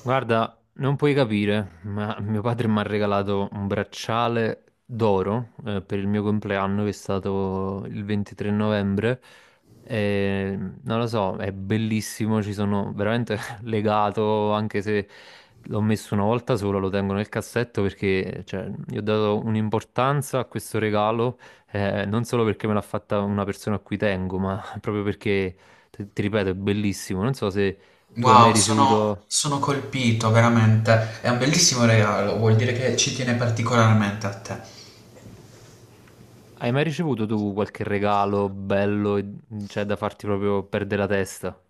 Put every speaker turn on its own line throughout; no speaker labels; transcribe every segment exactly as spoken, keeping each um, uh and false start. Guarda, non puoi capire, ma mio padre mi ha regalato un bracciale d'oro eh, per il mio compleanno, che è stato il ventitré novembre. E, non lo so, è bellissimo, ci sono veramente legato, anche se l'ho messo una volta sola, lo tengo nel cassetto perché cioè, gli ho dato un'importanza a questo regalo, eh, non solo perché me l'ha fatta una persona a cui tengo, ma proprio perché, ti ti ripeto, è bellissimo. Non so se tu hai
Wow,
mai
sono,
ricevuto...
sono colpito veramente. È un bellissimo regalo, vuol dire che ci tiene particolarmente a te.
Hai mai ricevuto tu qualche regalo bello, e- cioè da farti proprio perdere la testa?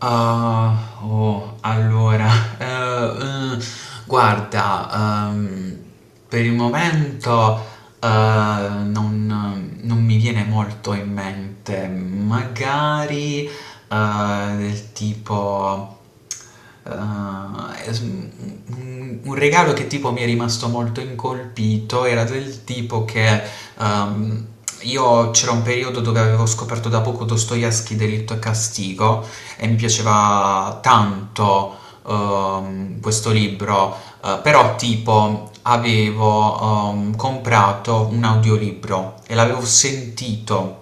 Ah, oh, allora, eh, eh, guarda, ehm, per il momento. Ehm, non, non mi viene molto in mente, magari eh, del tipo eh, es- un un regalo che tipo mi è rimasto molto incolpito era del tipo che ehm, io c'era un periodo dove avevo scoperto da poco Dostoevsky, Delitto e Castigo, e mi piaceva tanto ehm, questo libro. Eh, però tipo avevo ehm, comprato un audiolibro e l'avevo sentito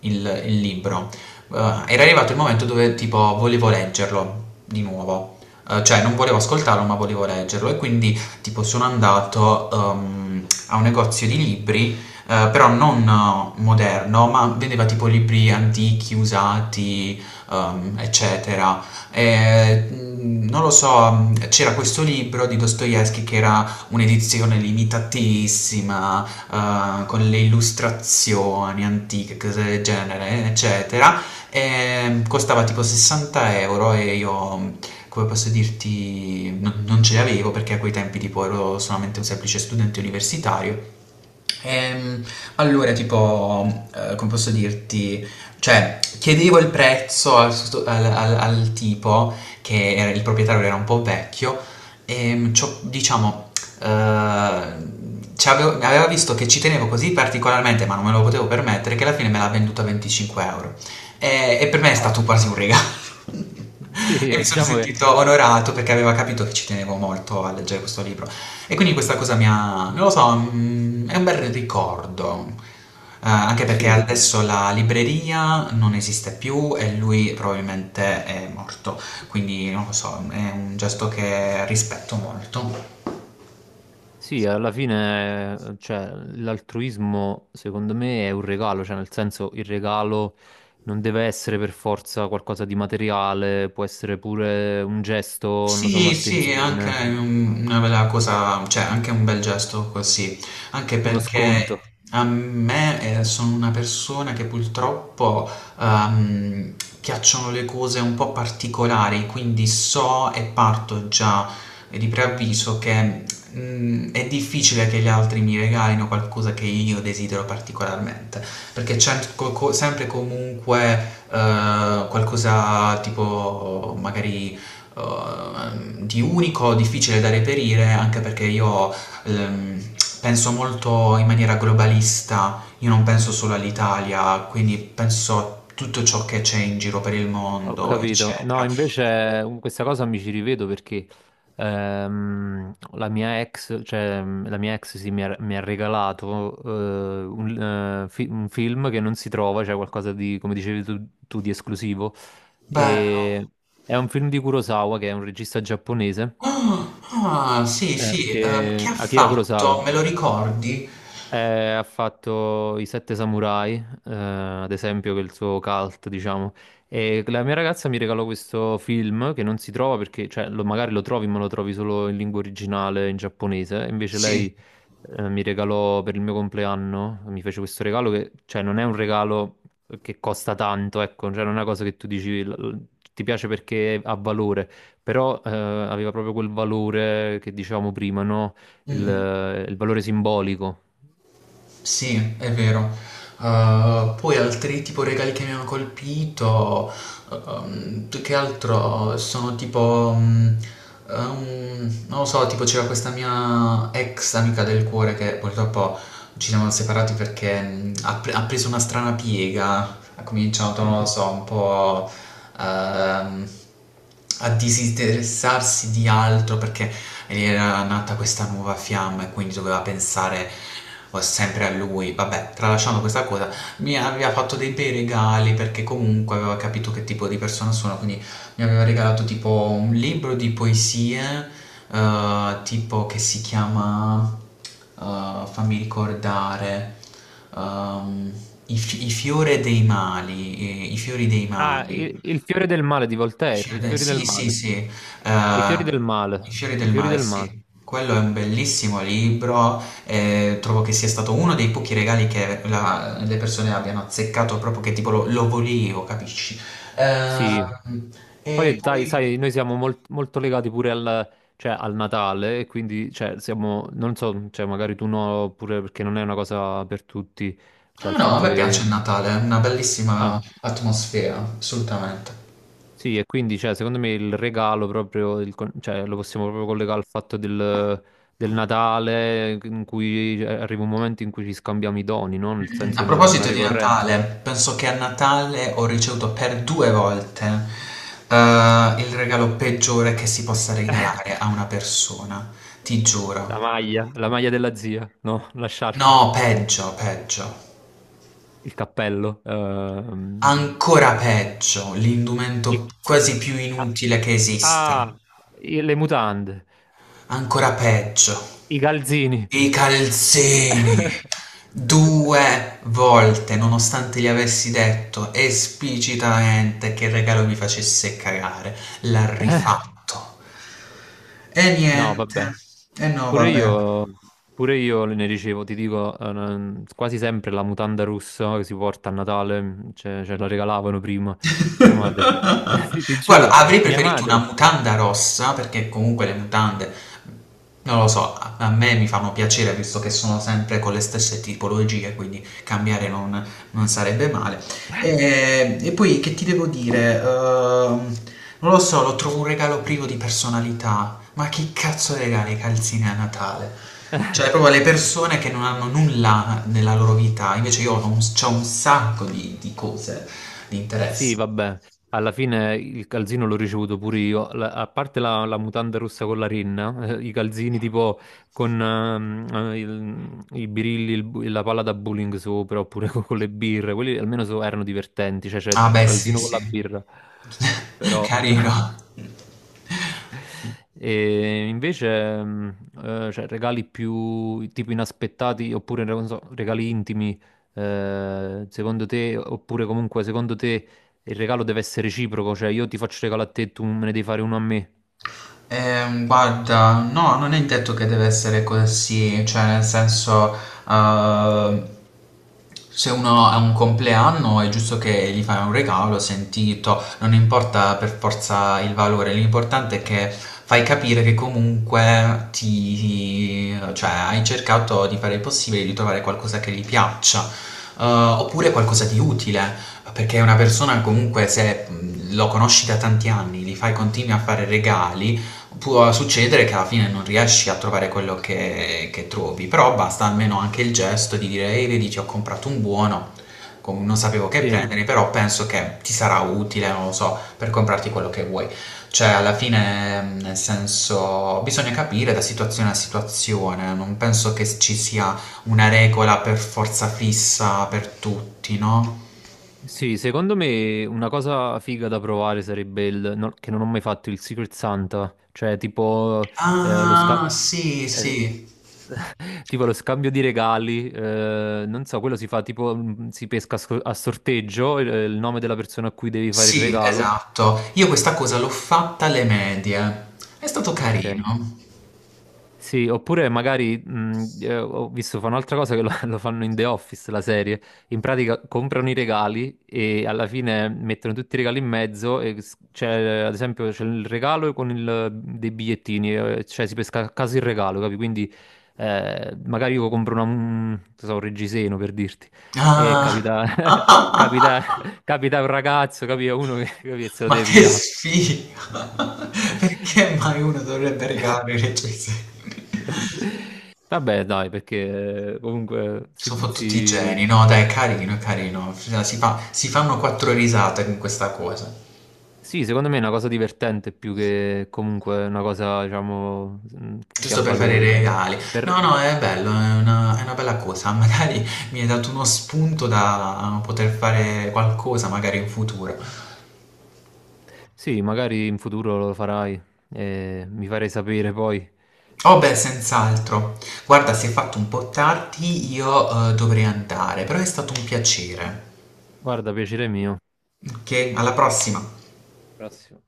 il, il libro. Eh, Era arrivato il momento dove tipo volevo leggerlo di nuovo. Eh, cioè non volevo ascoltarlo ma volevo leggerlo, e quindi tipo sono andato ehm, a un negozio di libri, eh, però non eh, moderno, ma vendeva tipo libri antichi, usati, ehm, eccetera. eh, Non lo so, c'era questo libro di Dostoevsky che era un'edizione limitatissima, eh, con le illustrazioni antiche, cose del genere, eccetera. E costava tipo sessanta euro e io, come posso dirti, non, non ce l'avevo perché a quei tempi tipo ero solamente un semplice studente universitario. Ehm, allora, tipo, eh, come posso dirti? Cioè, chiedevo il prezzo al, sost- al- al- al tipo, che era, il proprietario era un po' vecchio, e c'ho- diciamo, eh, ci avevo- aveva visto che ci tenevo così particolarmente, ma non me lo potevo permettere, che alla fine me l'ha venduto a venticinque euro. E, e per me è
Ah,
stato quasi un regalo.
sì,
E mi
eh,
sono
diciamo che
sentito onorato perché aveva capito che ci tenevo molto a leggere questo libro. E quindi questa cosa mi ha, non lo so, mm, è un bel ricordo. Eh, anche perché
sì,
adesso la libreria non esiste più e lui probabilmente è morto, quindi non lo so, è un gesto che rispetto molto.
sì, alla fine, eh, cioè, l'altruismo secondo me è un regalo, cioè nel senso il regalo non deve essere per forza qualcosa di materiale, può essere pure un gesto, non lo so,
Sì, sì, è anche
un'attenzione,
un- una bella cosa, cioè anche un bel gesto così, anche
uno
perché
sconto.
a me eh, sono una persona che purtroppo ehm, piacciono le cose un po' particolari, quindi so e parto già di preavviso che mm, è difficile che gli altri mi regalino qualcosa che io desidero particolarmente, perché c'è co- co- sempre comunque eh, qualcosa tipo magari ehm, di unico, difficile da reperire, anche perché io ehm, penso molto in maniera globalista, io non penso solo all'Italia, quindi penso a tutto ciò che c'è in giro per il
Ho
mondo,
capito. No,
eccetera.
invece um, questa cosa mi ci rivedo perché ehm, la mia ex, cioè mm, la mia ex sì, mi ha, mi ha regalato eh, un, eh, fi- un film che non si trova, cioè qualcosa di, come dicevi tu, tu, di esclusivo.
Bello.
E è un film di Kurosawa, che è un regista giapponese,
Ah, ah, sì,
eh,
sì, ehm, che
che,
ha
Akira
fatto?
Kurosawa,
Me lo ricordi?
eh, ha fatto I Sette Samurai, eh, ad esempio, che è il suo cult, diciamo. E la mia ragazza mi regalò questo film che non si trova perché, cioè, lo- magari lo trovi, ma lo trovi solo in lingua originale, in giapponese. Invece
Sì.
lei, eh, mi regalò per il mio compleanno, mi fece questo regalo che, cioè, non è un regalo che costa tanto, ecco, cioè, non è una cosa che tu dici, l- l- ti piace perché ha valore, però, eh, aveva proprio quel valore che dicevamo prima, no?
Mm, mm.
il il valore simbolico.
Sì, è vero. Uh, poi altri tipo regali che mi hanno colpito, um, più che altro sono tipo, um, um, non lo so, tipo c'era questa mia ex amica del cuore che purtroppo ci siamo separati perché mm, ha, pre- ha preso una strana piega, ha cominciato, non lo so, un po' ehm, a disinteressarsi di altro perché gli era nata questa nuova fiamma e quindi doveva pensare eh, sempre a lui. Vabbè, tralasciando questa cosa, mi aveva fatto dei bei regali perché comunque aveva capito che tipo di persona sono, quindi mi aveva regalato tipo un libro di poesie, eh, tipo, che si chiama, eh, fammi ricordare, ehm, I, fi- i fiori dei mali, eh, i fiori dei
Ah, il,
mali.
il fiore del male di
I
Voltaire,
Fiori
i
del-
fiori del
Sì, sì,
male.
sì, eh,
I fiori del
I
male,
fiori
i
del
fiori
mare,
del male.
sì. Quello è un bellissimo libro, eh, trovo che sia stato uno dei pochi regali che la- le persone abbiano azzeccato, proprio che tipo lo, lo volevo, capisci?
Sì.
Eh,
Poi,
e
dai,
poi...
sai, noi siamo mol- molto legati pure al, cioè, al Natale, e quindi, cioè, siamo, non so, cioè, magari tu no, pure perché non è una cosa per tutti,
No,
cioè, il
no, a
fatto
me piace
che...
il Natale, è una bellissima
Ah,
atmosfera, assolutamente.
sì, e quindi, cioè, secondo me il regalo proprio, il con- cioè, lo possiamo proprio collegare al fatto del, del Natale, in cui eh, arriva un momento in cui ci scambiamo i doni, no? Nel
Mm,
senso,
a
è una, una
proposito di
ricorrenza.
Natale, penso che a Natale ho ricevuto per due volte eh, il regalo peggiore che si possa regalare a una persona, ti
La
giuro.
maglia, la maglia della zia, no, la sciarpa,
No, peggio, peggio.
il cappello, ehm,
Ancora peggio, l'indumento
i-
quasi più
ah,
inutile che esista.
ah, i- le mutande,
Ancora peggio.
i calzini.
I calzini! Due volte, nonostante gli avessi detto esplicitamente che il regalo mi facesse cagare, l'ha rifatto. E
No,
niente.
vabbè,
E no,
pure
vabbè.
io, pure io ne ricevo, ti dico, eh, non- quasi sempre la mutanda russa che si porta a Natale, mm, ce, ce la regalavano prima, mia madre, ti
Guarda,
giuro,
avrei
mia
preferito una
madre.
mutanda rossa, perché comunque le mutande, non lo so, a a me mi fanno piacere visto che sono sempre con le stesse tipologie, quindi cambiare non, non sarebbe male. E, e poi che ti devo dire? Ehm, non lo so, lo trovo un regalo privo di personalità. Ma che cazzo regala i calzini a Natale? Cioè, proprio le persone che non hanno nulla nella loro vita, invece io ho un, c'ho un sacco di, di cose, di
Sì,
interessi.
vabbè, alla fine il calzino l'ho ricevuto pure io, La- a parte la, la mutanda rossa con la rinna, eh, i calzini tipo con ehm, eh, il- i birilli, il bu- la palla da bowling sopra, oppure co- con, le birre, quelli almeno so- erano divertenti, cioè c'è
Ah
il
beh, sì,
calzino con
sì.
la birra, però...
Carino.
E invece, mm, eh, cioè, regali più tipo inaspettati oppure non so, regali intimi, eh, secondo te, oppure comunque secondo te il regalo deve essere reciproco, cioè io ti faccio regalo a te e tu me ne devi fare uno a me.
Ehm, guarda, no, non è detto che deve essere così, cioè nel senso, eh, se uno ha un compleanno è giusto che gli fai un regalo sentito, non importa per forza il valore, l'importante è che fai capire che comunque ti, cioè, hai cercato di fare il possibile di trovare qualcosa che gli piaccia, eh, oppure qualcosa di utile. Perché una persona comunque se mh, lo conosci da tanti anni, gli fai continui a fare regali, può succedere che alla fine non riesci a trovare quello che, che trovi, però basta almeno anche il gesto di dire, ehi, vedi, ti ho comprato un buono, com- non sapevo che
Sì,
prendere, però penso che ti sarà utile, non lo so, per comprarti quello che vuoi. Cioè, alla fine, mh, nel senso, bisogna capire da situazione a situazione, non penso che ci sia una regola per forza fissa per tutti, no?
sì, secondo me una cosa figa da provare sarebbe il, no- che non ho mai fatto, il Secret Santa, cioè tipo eh, lo scambio.
Ah, sì, sì.
Tipo lo scambio di regali, eh, non so, quello si fa tipo, mm, si pesca a sor- a sorteggio, eh, il nome della persona a cui devi fare il
Sì,
regalo.
esatto. Io questa cosa l'ho fatta alle medie. È stato
Ok.
carino.
Sì, oppure magari mh, eh, ho visto fa un'altra cosa che lo, lo fanno in The Office, la serie. In pratica comprano i regali e alla fine mettono tutti i regali in mezzo. e s- c'è, ad esempio, c'è il regalo con il- dei bigliettini, eh, cioè si pesca a caso il regalo, capi? Quindi eh, magari io compro una- un, non so, un reggiseno per dirti. E
Ah.
capita, capita, capita un ragazzo, capi? Uno che, capi, che se lo
Ma
deve
che
pigliare.
sfiga! Perché mai uno dovrebbe regalare le recensioni?
Vabbè, dai, perché eh, comunque si,
Sono fottuti tutti i
si-
geni, no? Dai, è carino, è carino. Cioè, Si fa- si fanno quattro risate con questa cosa.
sì, secondo me è una cosa divertente più che comunque una cosa, diciamo, mh, che ha
Giusto per fare i
valore, però
regali. No,
per...
no, è bello, è una, è una bella cosa. Magari mi hai dato uno spunto da poter fare qualcosa, magari in futuro.
Sì, magari in futuro lo farai e mi farei sapere poi.
Oh beh, senz'altro. Guarda, si è fatto un po' tardi, io eh, dovrei andare, però è stato un piacere.
Guarda, piacere mio.
Ok, alla prossima.
Prossimo.